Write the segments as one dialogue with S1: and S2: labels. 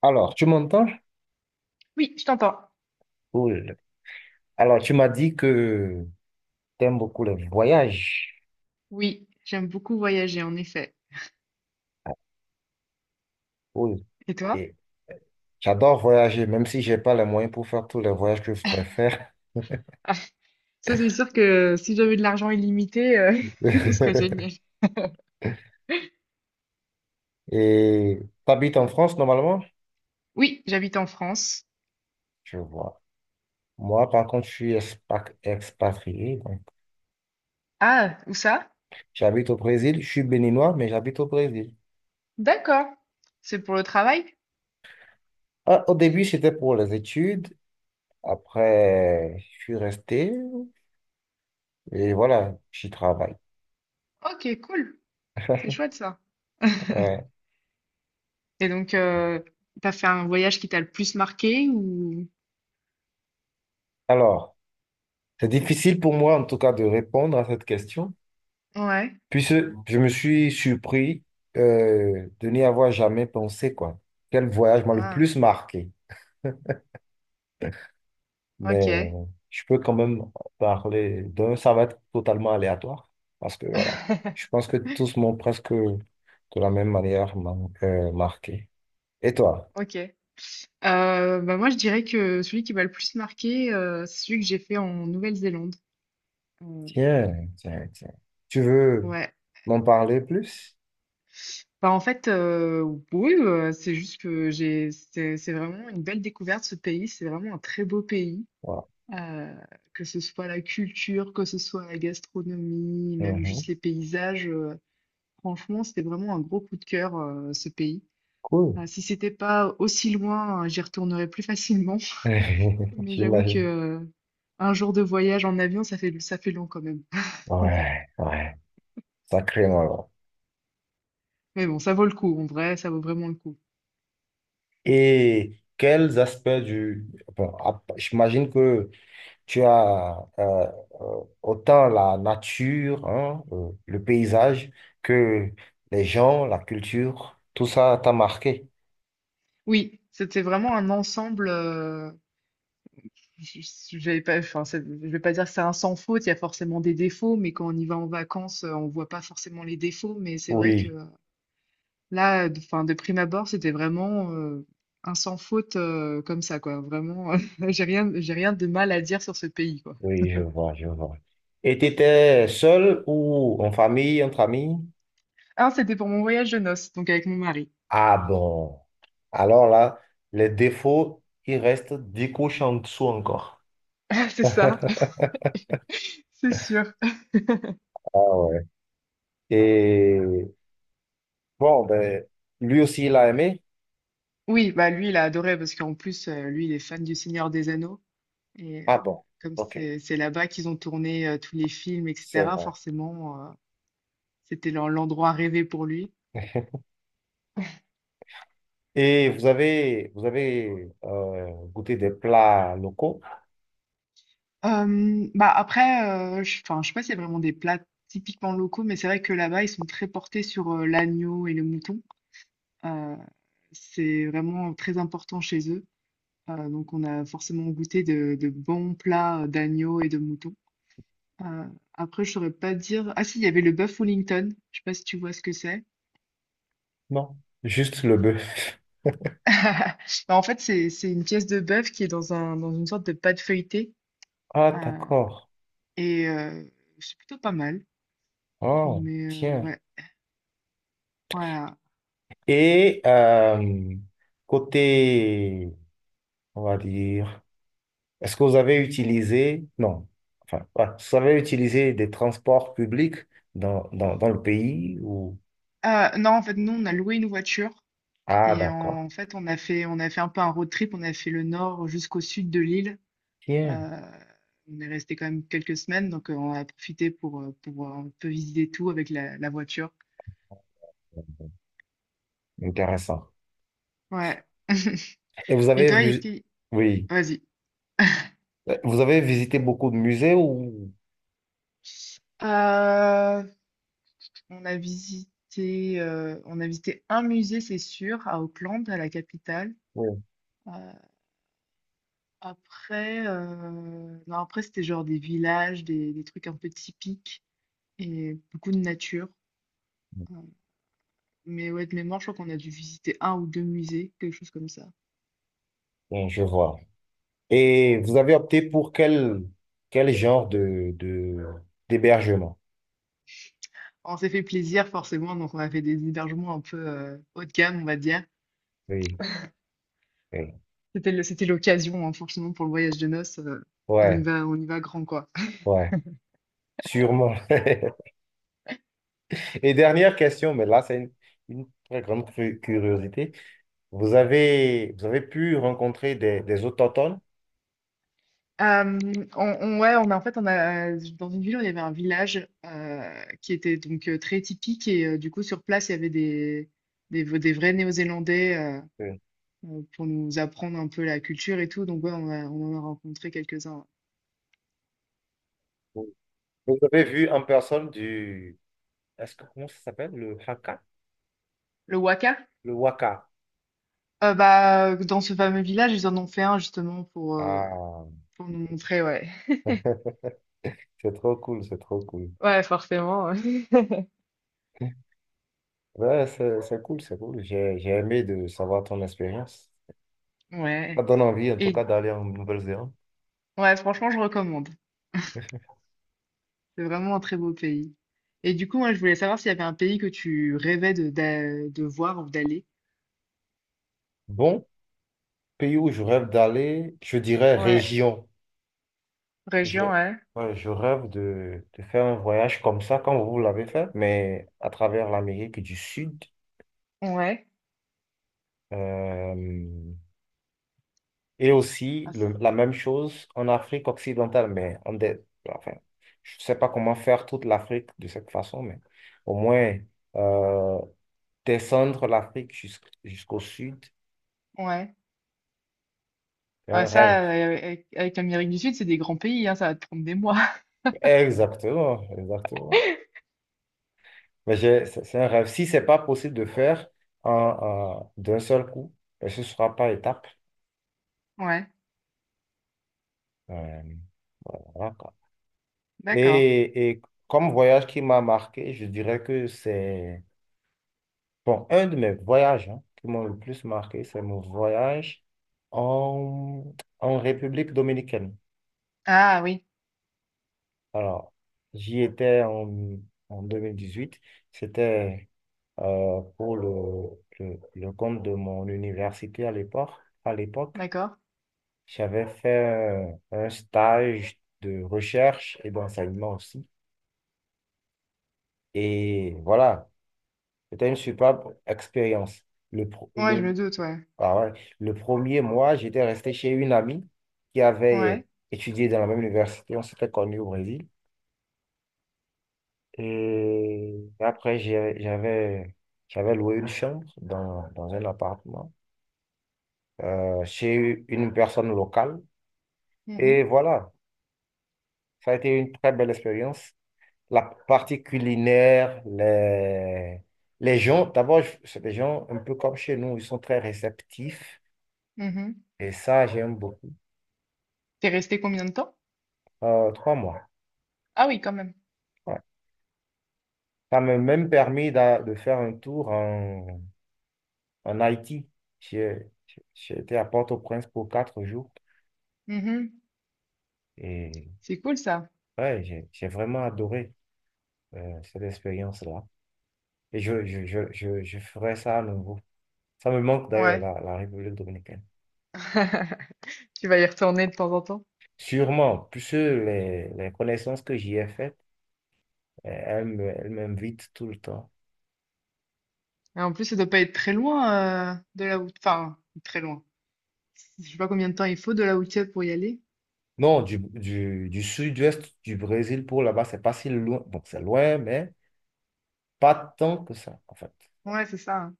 S1: Alors, tu m'entends?
S2: Oui, je t'entends.
S1: Cool. Alors, tu m'as dit que tu aimes beaucoup les voyages.
S2: Oui, j'aime beaucoup voyager, en effet.
S1: Cool.
S2: Et toi?
S1: Et j'adore voyager, même si j'ai pas les moyens pour faire tous les voyages que je voudrais faire.
S2: Ah, ça, c'est sûr que si j'avais de l'argent illimité, ce serait génial.
S1: Et tu habites en France normalement?
S2: Oui, j'habite en France.
S1: Je vois. Moi, par contre, je suis expatrié, donc,
S2: Ah, où ça?
S1: j'habite au Brésil. Je suis béninois, mais j'habite au Brésil.
S2: D'accord. C'est pour le travail?
S1: Ah, au début, c'était pour les études. Après, je suis resté. Et voilà, j'y travaille.
S2: Ok, cool. C'est chouette ça.
S1: Ouais.
S2: Et donc, t'as fait un voyage qui t'a le plus marqué ou...
S1: Alors. C'est difficile pour moi, en tout cas, de répondre à cette question,
S2: Ouais.
S1: puisque je me suis surpris de n'y avoir jamais pensé, quoi. Quel voyage m'a le
S2: Ah,
S1: plus marqué? Mais
S2: ok.
S1: je peux quand même parler d'un, ça va être totalement aléatoire, parce que voilà, je pense que tous m'ont presque de la même manière marqué. Et toi?
S2: Ok. Bah moi, je dirais que celui qui m'a le plus marqué, c'est celui que j'ai fait en Nouvelle-Zélande.
S1: Tiens, tiens, tiens. Tu veux
S2: Ouais.
S1: m'en parler plus?
S2: Bah, en fait, oui, c'est juste que j'ai, c'est vraiment une belle découverte ce pays. C'est vraiment un très beau pays,
S1: Voilà.
S2: euh, que ce soit la culture, que ce soit la gastronomie, même
S1: Mhm.
S2: juste les paysages. Franchement, c'était vraiment un gros coup de cœur, ce pays.
S1: Cool.
S2: Si c'était pas aussi loin, j'y retournerais plus facilement. Mais j'avoue que,
S1: J'imagine.
S2: un jour de voyage en avion, ça fait long quand même.
S1: Ouais, ouais. Sacrément alors.
S2: Mais bon, ça vaut le coup. En vrai, ça vaut vraiment le coup.
S1: Et quels aspects du bon, j'imagine que tu as autant la nature, hein, le paysage, que les gens, la culture, tout ça t'a marqué.
S2: Oui, c'était vraiment un ensemble. Je vais pas, enfin, je vais pas dire que c'est un sans faute, il y a forcément des défauts, mais quand on y va en vacances, on voit pas forcément les défauts. Mais c'est vrai que
S1: Oui,
S2: là, enfin, de prime abord, c'était vraiment un sans faute comme ça, quoi. Vraiment, j'ai rien de mal à dire sur ce pays, quoi.
S1: oui, je vois, je vois. Et tu étais seul ou en famille, entre amis?
S2: Ah, c'était pour mon voyage de noces, donc avec mon mari.
S1: Ah bon. Alors là, les défauts, ils restent 10 couches en dessous encore.
S2: C'est ça, c'est sûr.
S1: Ah ouais. Et bon, ben, lui aussi, il a aimé.
S2: Oui, bah lui, il a adoré parce qu'en plus, lui, il est fan du Seigneur des Anneaux. Et
S1: Ah bon,
S2: comme
S1: ok,
S2: c'est là-bas qu'ils ont tourné tous les films,
S1: c'est
S2: etc.,
S1: vrai.
S2: forcément. L'endroit rêvé pour lui.
S1: Et vous avez goûté des plats locaux?
S2: Bah après, enfin, je sais pas s'il y a vraiment des plats typiquement locaux, mais c'est vrai que là-bas, ils sont très portés sur l'agneau et le mouton. Euh, c'est vraiment très important chez eux. Donc, on a forcément goûté de bons plats d'agneau et de mouton. Euh, après, je saurais pas dire. Ah si, il y avait le bœuf Wellington. Je sais pas si tu vois ce que c'est.
S1: Non, juste le bœuf.
S2: Bah, en fait, c'est une pièce de bœuf qui est dans une sorte de pâte feuilletée.
S1: Ah,
S2: Euh,
S1: d'accord.
S2: et c'est plutôt pas mal.
S1: Oh,
S2: Mais
S1: tiens.
S2: ouais, voilà.
S1: Et côté, on va dire, est-ce que vous avez utilisé, non, enfin, ouais, vous avez utilisé des transports publics dans le pays ou.
S2: Ah, non, en fait, nous, on a loué une voiture
S1: Ah,
S2: et
S1: d'accord.
S2: en fait, on a fait un peu un road trip. On a fait le nord jusqu'au sud de l'île.
S1: Tiens,
S2: Euh, on est resté quand même quelques semaines, donc on a profité pour, un peu visiter tout avec la voiture.
S1: intéressant.
S2: Ouais.
S1: Et vous
S2: Et
S1: avez
S2: toi, est-ce
S1: vu,
S2: qu'il...
S1: oui.
S2: Vas-y.
S1: Ben, vous avez visité beaucoup de musées ou?
S2: Euh, on a visité un musée, c'est sûr, à Auckland, à la capitale.
S1: Oui,
S2: Euh, Après, non, après, c'était genre des villages, des trucs un peu typiques et beaucoup de nature. Heu, mais ouais, de mémoire, je crois qu'on a dû visiter un ou 2 musées, quelque chose comme ça.
S1: bon, je vois. Et vous avez opté pour quel genre d'hébergement?
S2: On s'est fait plaisir forcément, donc on a fait des hébergements un peu, haut de gamme, on va dire.
S1: Oui, oui.
S2: C'était l'occasion, hein, forcément pour le voyage de noces,
S1: Ouais,
S2: on y va grand, quoi.
S1: ouais, sûrement. Et dernière question, mais là, c'est une très grande curiosité. Vous avez pu rencontrer des autochtones?
S2: Euh, on- ouais, on a en fait, on a dans une ville, il y avait un village qui était donc très typique et du coup sur place, il y avait des vrais Néo-Zélandais
S1: Oui.
S2: pour nous apprendre un peu la culture et tout. Donc ouais, on en a rencontré quelques-uns.
S1: Vous avez vu en personne du. Est-ce que, comment ça s'appelle? Le Haka?
S2: Le Waka,
S1: Le Waka.
S2: bah dans ce fameux village, ils en ont fait un justement pour
S1: Ah,
S2: nous montrer, ouais,
S1: c'est trop cool, c'est trop cool.
S2: Ouais, forcément. Ouais.
S1: Ouais, c'est cool, c'est cool. J'ai aimé de savoir ton expérience. Ça
S2: Ouais.
S1: donne envie, en tout cas,
S2: Et
S1: d'aller en Nouvelle-Zélande.
S2: ouais, franchement, je recommande. C'est vraiment un très beau pays. Et du coup, moi, je voulais savoir s'il y avait un pays que tu rêvais de voir ou d'aller.
S1: Bon, pays où je rêve d'aller, je dirais
S2: Ouais,
S1: région. Je,
S2: région, ouais,
S1: ouais, je rêve de faire un voyage comme ça, comme vous l'avez fait, mais à travers l'Amérique du Sud.
S2: ouais,
S1: euh, et aussi
S2: ah,
S1: la même chose en Afrique occidentale, mais enfin, je ne sais pas comment faire toute l'Afrique de cette façon, mais au moins, euh, descendre l'Afrique jusqu'au sud,
S2: ouais.
S1: c'est
S2: Ouais,
S1: un rêve.
S2: ça, avec l'Amérique du Sud, c'est des grands pays, hein, ça va te prendre des mois.
S1: Exactement, exactement. Mais c'est un rêve. Si c'est pas possible de faire en, d'un seul coup, ben, ce sera par étapes.
S2: Ouais,
S1: Euh, voilà, quoi.
S2: d'accord.
S1: Et comme voyage qui m'a marqué, je dirais que c'est bon, un de mes voyages hein, qui m'ont le plus marqué, c'est mon voyage en, en, République dominicaine.
S2: Ah oui,
S1: Alors, j'y étais en 2018. C'était pour le compte de mon université à l'époque. À l'époque,
S2: d'accord.
S1: j'avais fait un stage de recherche et d'enseignement aussi. Et voilà, c'était une superbe expérience. Le, pro-
S2: Ouais, je
S1: le,
S2: me doute, ouais.
S1: ah ouais, le premier mois, j'étais resté chez une amie qui
S2: Ouais.
S1: avait étudié dans la même université. On s'était connus au Brésil. Et après, j'avais loué une chambre dans un appartement chez une personne locale.
S2: Mhm,
S1: Et voilà, ça a été une très belle expérience. La partie culinaire, les gens, d'abord, c'est des gens un peu comme chez nous, ils sont très réceptifs.
S2: mhm.
S1: Et ça, j'aime beaucoup.
S2: T'es resté combien de temps?
S1: 3 mois.
S2: Ah oui, quand même.
S1: Ouais. Ça m'a même permis de faire un tour en Haïti. J'ai j'ai été à Port-au-Prince pour 4 jours.
S2: Mhm.
S1: et
S2: C'est cool ça.
S1: Ouais, j'ai vraiment adoré cette expérience-là. Et je ferai ça à nouveau. Ça me manque d'ailleurs,
S2: Ouais.
S1: la République dominicaine.
S2: Tu vas y retourner de temps en temps.
S1: Sûrement, puisque les connaissances que j'y ai faites, elles m'invitent tout le temps.
S2: Et en plus, ça doit pas être très loin de là où... Enfin, très loin. Je sais pas combien de temps il faut de là où tu es pour y aller.
S1: Non, du sud-ouest du Brésil pour là-bas, c'est pas si loin. Bon, c'est loin, mais pas tant que ça, en fait.
S2: Ouais, c'est ça, hein.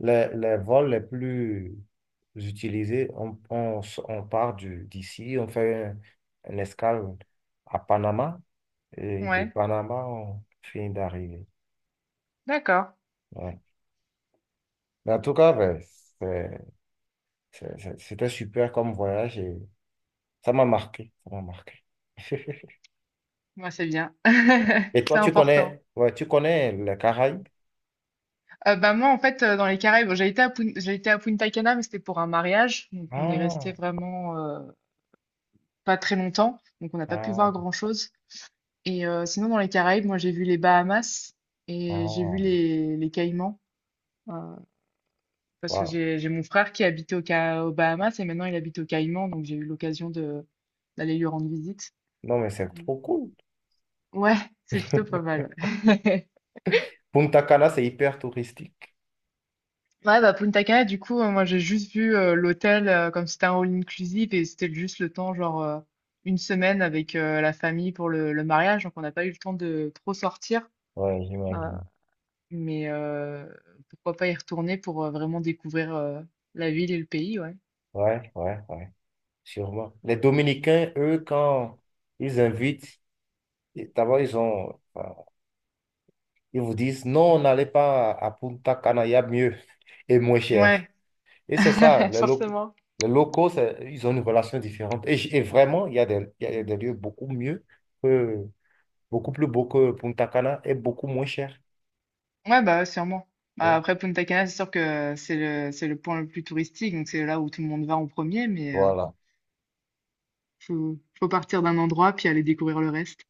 S1: Les vols les plus utilisés, on part d'ici, on fait une escale à Panama. Et de
S2: Ouais,
S1: Panama, on finit d'arriver.
S2: d'accord.
S1: Ouais. Mais en tout cas, ben, c'est- c'était super comme voyage et ça m'a marqué. Ça m'a marqué.
S2: Moi, c'est bien.
S1: Et
S2: C'est
S1: toi, tu
S2: important.
S1: connais, ouais, tu connais les Caraïbes?
S2: Bah moi, en fait, dans les Caraïbes, bon, j'ai été à Punta Cana, mais c'était pour un mariage. Donc, on est resté
S1: Ah,
S2: vraiment pas très longtemps. Donc, on n'a pas pu
S1: ah,
S2: voir grand-chose. Et sinon, dans les Caraïbes, moi, j'ai vu les Bahamas et j'ai vu
S1: ah,
S2: les Caïmans. euh, parce que
S1: waouh.
S2: j'ai mon frère qui habitait aux Bahamas et maintenant, il habite aux Caïmans. Donc, j'ai eu l'occasion de d'aller lui rendre visite.
S1: Non, mais c'est trop cool.
S2: Ouais, c'est plutôt pas mal. Ouais,
S1: Punta Cana, c'est hyper touristique.
S2: Ouais, bah Punta Cana, du coup, moi j'ai juste vu l'hôtel comme c'était un all-inclusive et c'était juste le temps, genre une semaine avec la famille pour le mariage, donc on n'a pas eu le temps de trop sortir.
S1: Ouais,
S2: euh,
S1: j'imagine.
S2: mais pourquoi pas y retourner pour vraiment découvrir la ville et le pays, ouais.
S1: Ouais, ouais, ouais, sûrement. Les Dominicains, eux, quand ils invitent, d'abord, ils vous disent, non, n'allez pas à Punta Cana, il y a mieux et moins
S2: Ouais,
S1: cher. Et c'est ça,
S2: forcément.
S1: les locaux, ils ont une relation différente. Et vraiment, il y a des lieux beaucoup mieux, que, beaucoup plus beaux que Punta Cana et beaucoup moins cher.
S2: Ouais, bah sûrement.
S1: Ouais.
S2: Bah, après Punta Cana, c'est sûr que c'est c'est le point le plus touristique, donc c'est là où tout le monde va en premier, mais. euh,
S1: Voilà.
S2: Faut, faut partir d'un endroit puis aller découvrir le reste.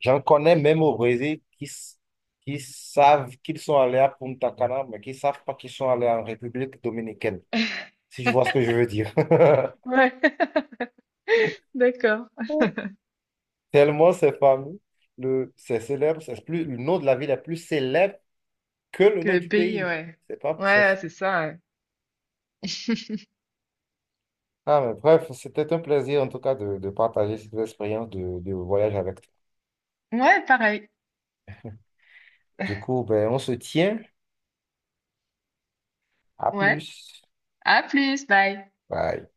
S1: J'en connais même au Brésil qui savent qu'ils sont allés à Punta Cana, mais qui ne savent pas qu'ils sont allés en République dominicaine, si je vois ce que je veux dire.
S2: Ouais, d'accord.
S1: Tellement c'est fameux, c'est célèbre, le nom de la ville est plus célèbre que le
S2: Que
S1: nom
S2: le
S1: du
S2: pays,
S1: pays.
S2: ouais.
S1: C'est pas, c'est,
S2: Ouais, c'est ça. Ouais,
S1: Ah, mais bref, c'était un plaisir en tout cas de partager cette expérience de voyage avec toi.
S2: Ouais, pareil.
S1: Du coup, ben, on se tient. À
S2: Ouais.
S1: plus.
S2: À plus, bye.
S1: Bye.